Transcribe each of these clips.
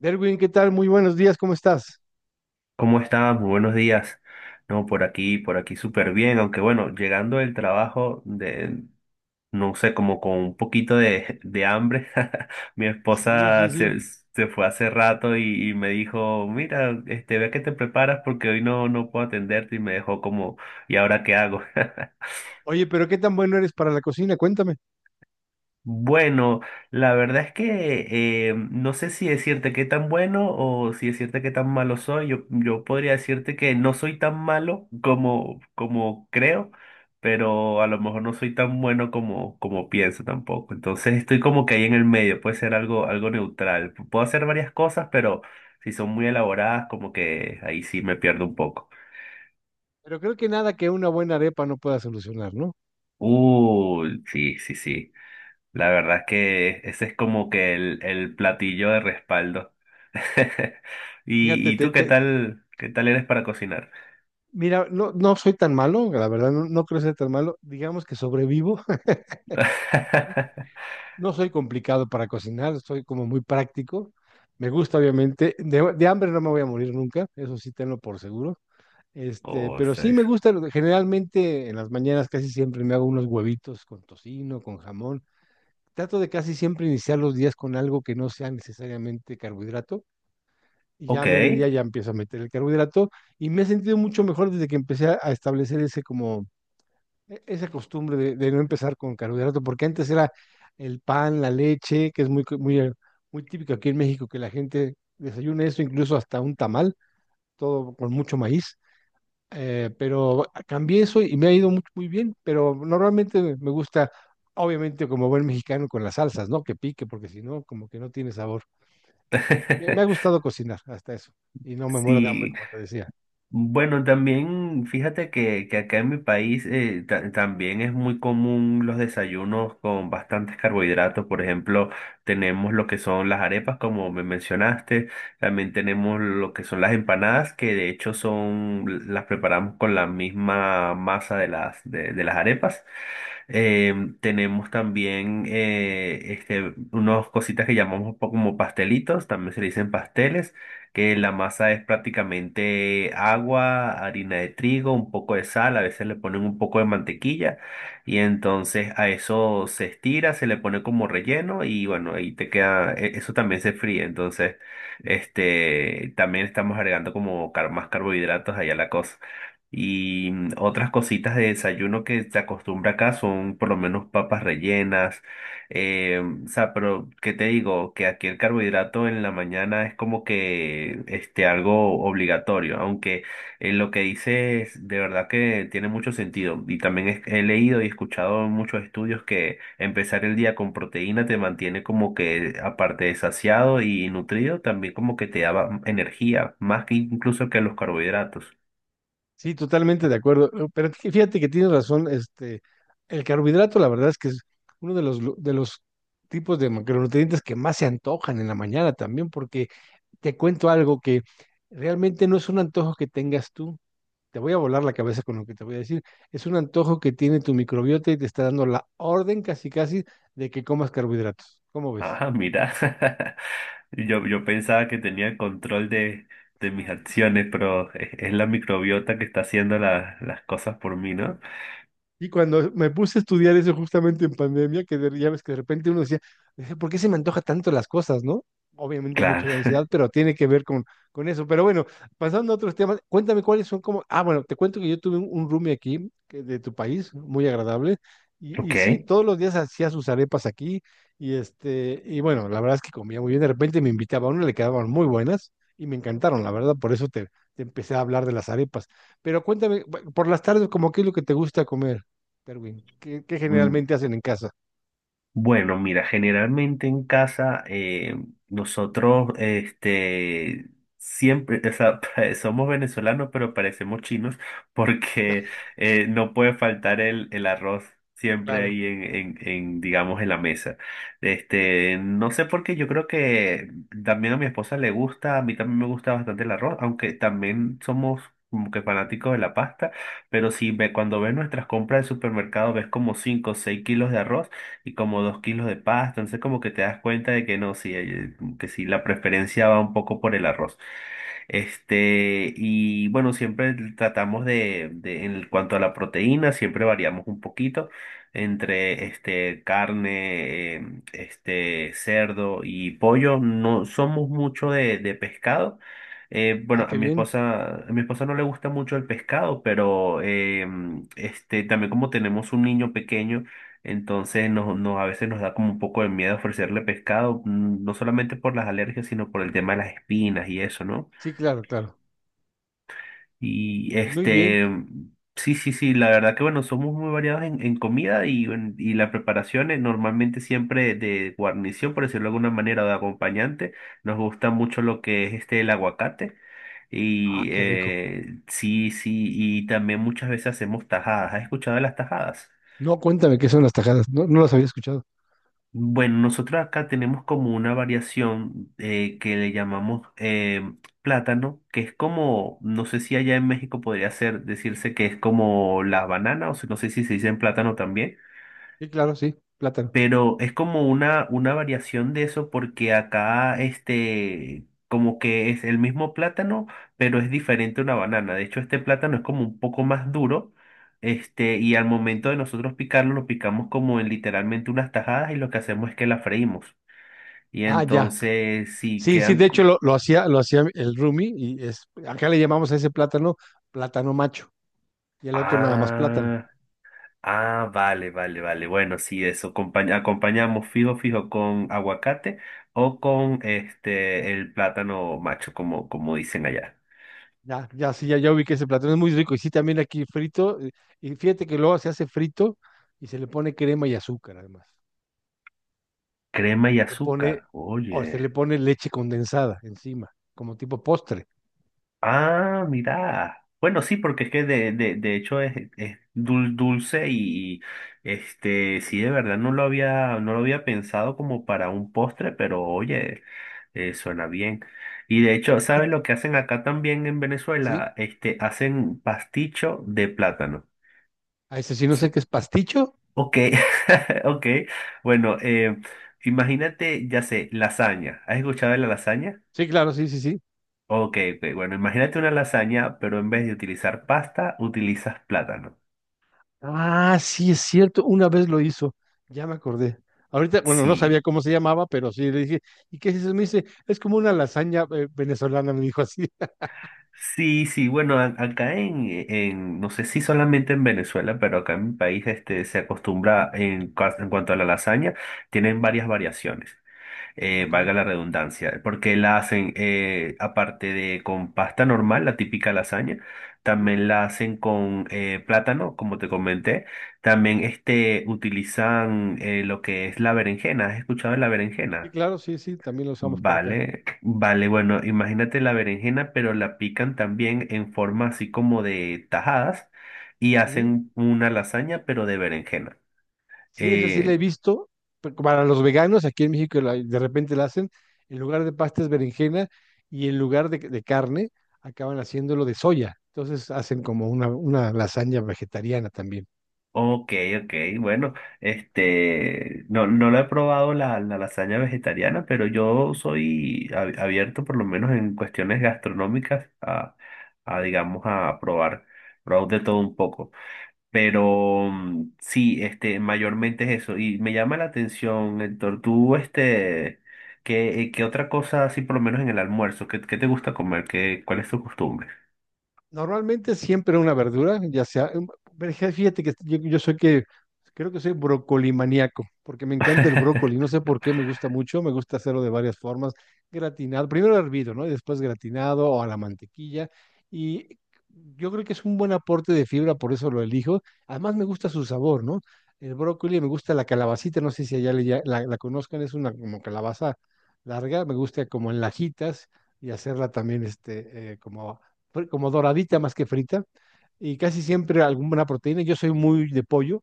Derwin, ¿qué tal? Muy buenos días, ¿cómo estás? ¿Cómo estás? Muy buenos días. No, por aquí súper bien, aunque bueno, llegando del trabajo de, no sé, como con un poquito de hambre. Mi Sí, esposa sí, sí. se fue hace rato y me dijo, mira, ve que te preparas porque hoy no puedo atenderte y me dejó como, ¿y ahora qué hago? Oye, pero qué tan bueno eres para la cocina, cuéntame. Bueno, la verdad es que no sé si decirte qué tan bueno o si decirte qué tan malo soy. Yo podría decirte que no soy tan malo como, como creo, pero a lo mejor no soy tan bueno como, como pienso tampoco. Entonces estoy como que ahí en el medio, puede ser algo, algo neutral. Puedo hacer varias cosas, pero si son muy elaboradas, como que ahí sí me pierdo un poco. Pero creo que nada que una buena arepa no pueda solucionar, ¿no? Sí, sí, sí. La verdad es que ese es como que el platillo de respaldo. Fíjate, Y, ¿y tú qué tal eres para cocinar? mira, no, no soy tan malo, la verdad, no, no creo ser tan malo. Digamos que sobrevivo. No soy complicado para cocinar, soy como muy práctico. Me gusta, obviamente. De hambre no me voy a morir nunca, eso sí tenlo por seguro. Este, Oh, pero sí seis. me gusta, generalmente en las mañanas casi siempre me hago unos huevitos con tocino, con jamón. Trato de casi siempre iniciar los días con algo que no sea necesariamente carbohidrato, y ya a Ok. mediodía ya empiezo a meter el carbohidrato, y me he sentido mucho mejor desde que empecé a establecer ese como esa costumbre de no empezar con carbohidrato, porque antes era el pan, la leche, que es muy muy típico aquí en México que la gente desayuna eso, incluso hasta un tamal, todo con mucho maíz. Pero cambié eso y me ha ido muy bien. Pero normalmente me gusta, obviamente como buen mexicano, con las salsas, ¿no? Que pique, porque si no, como que no tiene sabor. Me ha gustado cocinar hasta eso, y no me muero de hambre, Sí, como te decía. bueno, también fíjate que acá en mi país también es muy común los desayunos con bastantes carbohidratos. Por ejemplo, tenemos lo que son las arepas, como me mencionaste. También tenemos lo que son las empanadas, que de hecho son, las preparamos con la misma masa de las, de las arepas. Tenemos también unas cositas que llamamos como pastelitos, también se le dicen pasteles, que la masa es prácticamente agua, harina de trigo, un poco de sal, a veces le ponen un poco de mantequilla y entonces a eso se estira, se le pone como relleno y bueno, ahí te queda, eso también se fríe, entonces también estamos agregando como más carbohidratos allá a la cosa. Y otras cositas de desayuno que se acostumbra acá son por lo menos papas rellenas. O sea, pero ¿qué te digo? Que aquí el carbohidrato en la mañana es como que algo obligatorio, aunque lo que dices de verdad que tiene mucho sentido. Y también he leído y escuchado en muchos estudios que empezar el día con proteína te mantiene como que aparte de saciado y nutrido, también como que te da energía, más que incluso que los carbohidratos. Sí, totalmente de acuerdo. Pero fíjate que tienes razón. Este, el carbohidrato, la verdad es que es uno de los tipos de macronutrientes que más se antojan en la mañana también, porque te cuento algo que realmente no es un antojo que tengas tú. Te voy a volar la cabeza con lo que te voy a decir. Es un antojo que tiene tu microbiota y te está dando la orden casi casi de que comas carbohidratos. ¿Cómo ves? Ah, mira. Yo pensaba que tenía control de mis acciones, pero es la microbiota que está haciendo las cosas por mí, ¿no? Y cuando me puse a estudiar eso justamente en pandemia, que ya ves que de repente uno decía: ¿por qué se me antoja tanto las cosas, no?" Obviamente mucho Claro. de ansiedad, pero tiene que ver con eso. Pero bueno, pasando a otros temas, cuéntame cuáles son como... Ah, bueno, te cuento que yo tuve un roomie aquí que de tu país, muy agradable, y sí, Ok. todos los días hacía sus arepas aquí, y este, y bueno, la verdad es que comía muy bien, de repente me invitaba a una, le quedaban muy buenas, y me encantaron, la verdad. Por eso te empecé a hablar de las arepas. Pero cuéntame, por las tardes, ¿cómo qué es lo que te gusta comer, Darwin? ¿Qué que Mm, generalmente hacen en casa? bueno, mira, generalmente en casa nosotros siempre, o sea, somos venezolanos, pero parecemos chinos porque no puede faltar el arroz siempre Claro. ahí en, digamos, en la mesa. No sé por qué, yo creo que también a mi esposa le gusta, a mí también me gusta bastante el arroz, aunque también somos como que fanáticos de la pasta, pero si ve, cuando ves nuestras compras de supermercado ves como 5 o 6 kilos de arroz y como dos kilos de pasta. Entonces como que te das cuenta de que no, sí, hay- que sí, la preferencia va un poco por el arroz. Y bueno, siempre tratamos en cuanto a la proteína, siempre variamos un poquito entre carne, cerdo y pollo. No somos mucho de pescado. Ah, Bueno, qué bien. A mi esposa no le gusta mucho el pescado, pero también como tenemos un niño pequeño, entonces nos- a veces nos da como un poco de miedo ofrecerle pescado, no solamente por las alergias, sino por el tema de las espinas y eso, ¿no? Sí, claro, claro. Y Muy bien. Sí, sí, sí, la verdad que bueno, somos muy variados en comida y, en- y la preparación es normalmente siempre de guarnición, por decirlo de alguna manera, o de acompañante. Nos gusta mucho lo que es el aguacate. Y Ah, qué rico. Sí, sí, y también muchas veces hacemos tajadas. ¿Has escuchado de las tajadas? No, cuéntame qué son las tajadas. No, no las había escuchado. Bueno, nosotros acá tenemos como una variación que le llamamos plátano, que es como, no sé si allá en México podría ser, decirse que es como la banana, o si- no sé si se dice en plátano también, Sí, claro, sí, plátano. pero es como una variación de eso porque acá como que es el mismo plátano, pero es diferente a una banana. De hecho, este plátano es como un poco más duro. Y al momento de nosotros picarlo, lo picamos como en literalmente unas tajadas y lo que hacemos es que la freímos. Y Ah, ya. entonces, sí, Sí, sí, quedan... de hecho lo hacía el Rumi. Y es, acá le llamamos a ese plátano plátano macho, y el otro nada más plátano. Ah, ah, vale, vale, vale. Bueno, sí, eso. Acompañamos fijo, fijo con aguacate o con el plátano macho, como, como dicen allá. Ya, ya, sí, ya, ya vi que ese platón es muy rico. Y sí, también aquí frito. Y fíjate que luego se hace frito y se le pone crema y azúcar, además. Crema y Se le pone, azúcar. o se le Oye. pone leche condensada encima, como tipo postre. Ah, mira. Bueno, sí, porque es que de, de hecho es dulce y, sí, de verdad no lo había, no lo había pensado como para un postre, pero oye, suena bien. Y de hecho, Y- ¿sabes lo que hacen acá también en ¿Sí? Venezuela? Hacen pasticho de plátano. A ese sí no sé qué es pasticho. Ok, ok. Bueno, imagínate, ya sé, lasaña. ¿Has escuchado de la lasaña? Sí, claro, sí, sí, sí. Ok, ok, bueno, imagínate una lasaña, pero en vez de utilizar pasta, utilizas plátano. Ah, sí, es cierto. Una vez lo hizo. Ya me acordé. Ahorita, bueno, no sabía Sí, cómo se llamaba, pero sí le dije: ¿y qué es eso? Me dice, es como una lasaña venezolana, me dijo así. sí, sí, bueno, acá en, no sé si solamente en Venezuela, pero acá en mi país se acostumbra en, en cuanto a la lasaña, tienen varias variaciones. Ok. Valga la redundancia, porque la hacen, aparte de con pasta normal, la típica lasaña, Sí, también la hacen con plátano, como te comenté, también utilizan lo que es la berenjena, ¿has escuchado de la sí, berenjena? claro, sí, sí, también lo usamos por acá. Vale, vale, bueno, imagínate la berenjena, pero la pican también en forma así como de tajadas y Ujú. hacen una lasaña, pero de berenjena. Sí, esa sí la he Eh, visto. Pero para los veganos, aquí en México de repente la hacen, en lugar de pasta es berenjena, y en lugar de carne acaban haciéndolo de soya. Entonces hacen como una lasaña vegetariana también. Ok, ok, bueno, no, no lo he probado la, la lasaña vegetariana, pero yo soy abierto por lo menos en cuestiones gastronómicas a digamos, a probar, probar de todo un poco. Pero sí, mayormente es eso. Y me llama la atención, Héctor, tú, ¿qué, qué otra cosa así por lo menos en el almuerzo? ¿Qué, qué te gusta comer? ¿Qué, cuál es tu costumbre? Normalmente siempre una verdura, ya sea, em, pero fíjate que yo soy que, creo que soy brocolimaníaco, porque me encanta el brócoli, no sé por qué me gusta mucho, me gusta hacerlo de varias formas, gratinado, primero hervido, ¿no? Y después gratinado o a la mantequilla. Y yo creo que es un buen aporte de fibra, por eso lo elijo, además me gusta su sabor, ¿no? El brócoli, me gusta la calabacita, no sé si allá la conozcan, es una como calabaza larga, me gusta como en lajitas, y hacerla también este, como como doradita más que frita, y casi siempre alguna proteína. Yo soy muy de pollo.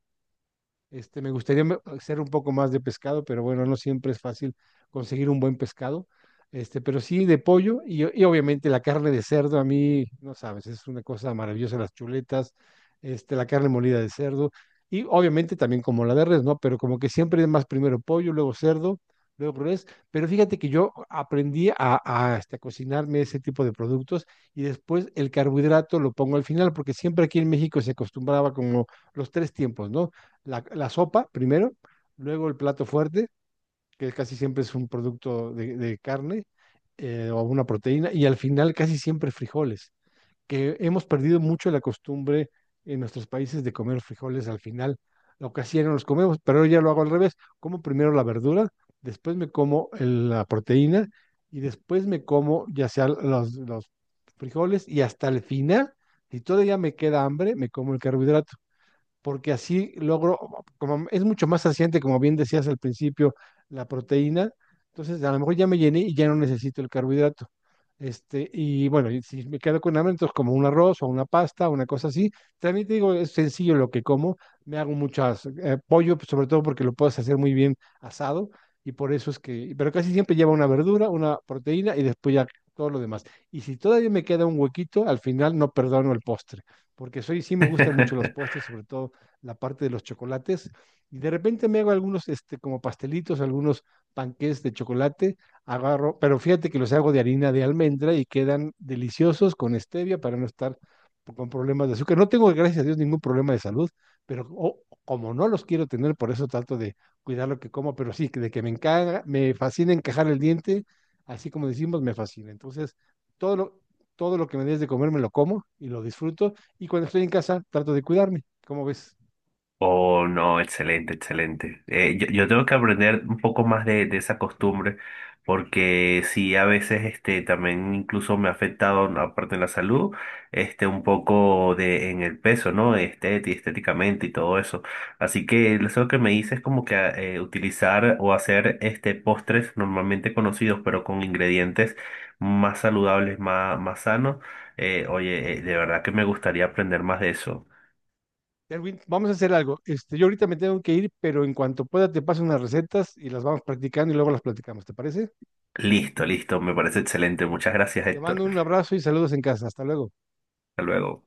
Este, me gustaría hacer un poco más de pescado, pero bueno, no siempre es fácil conseguir un buen pescado. Este, pero sí de pollo, y obviamente la carne de cerdo, a mí, no sabes, es una cosa maravillosa las chuletas, este, la carne molida de cerdo, y obviamente también como la de res, ¿no? Pero como que siempre es más primero pollo, luego cerdo, luego res. Pero fíjate que yo aprendí este, a cocinarme ese tipo de productos, y después el carbohidrato lo pongo al final, porque siempre aquí en México se acostumbraba como los tres tiempos, ¿no? La sopa primero, luego el plato fuerte, que casi siempre es un producto de carne o una proteína, y al final casi siempre frijoles, que hemos perdido mucho la costumbre en nuestros países de comer frijoles al final. Lo que hacían los comemos, pero yo ya lo hago al revés. Como primero la verdura, después me como la proteína, y después me como ya sea los frijoles, y hasta el final, si todavía me queda hambre, me como el carbohidrato, porque así logro, como es mucho más saciante, como bien decías al principio, la proteína, entonces a lo mejor ya me llené y ya no necesito el carbohidrato. Este, y bueno, y si me quedo con hambre, entonces como un arroz o una pasta, una cosa así. También te digo, es sencillo lo que como. Me hago muchas pollo, pues, sobre todo porque lo puedes hacer muy bien asado, y por eso es que, pero casi siempre lleva una verdura, una proteína, y después ya todo lo demás. Y si todavía me queda un huequito, al final no perdono el postre, porque soy, sí me gustan mucho los postres, sobre todo la parte de los chocolates, y de repente me hago algunos este, como pastelitos, algunos panqués de chocolate, agarro, pero fíjate que los hago de harina de almendra y quedan deliciosos con stevia, para no estar con problemas de azúcar. No tengo, gracias a Dios, ningún problema de salud, pero oh, como no los quiero tener, por eso trato de cuidar lo que como. Pero sí, que de que me encaja, me fascina encajar el diente, así como decimos, me fascina. Entonces, todo lo, todo lo que me des de comer me lo como y lo disfruto, y cuando estoy en casa trato de cuidarme, ¿cómo ves? Oh, no, excelente, excelente. Yo tengo que aprender un poco más de esa costumbre, porque sí, a veces también incluso me ha afectado, ¿no? Aparte en la salud, un poco de, en el peso, ¿no? Estéticamente y todo eso. Así que eso que me dices es como que utilizar o hacer postres normalmente conocidos, pero con ingredientes más saludables, más, más sanos. Oye, de verdad que me gustaría aprender más de eso. Erwin, vamos a hacer algo. Este, yo ahorita me tengo que ir, pero en cuanto pueda te paso unas recetas y las vamos practicando, y luego las platicamos, ¿te parece? Listo, listo, me parece excelente. Muchas gracias, Te Héctor. mando un abrazo y saludos en casa. Hasta luego. Hasta luego.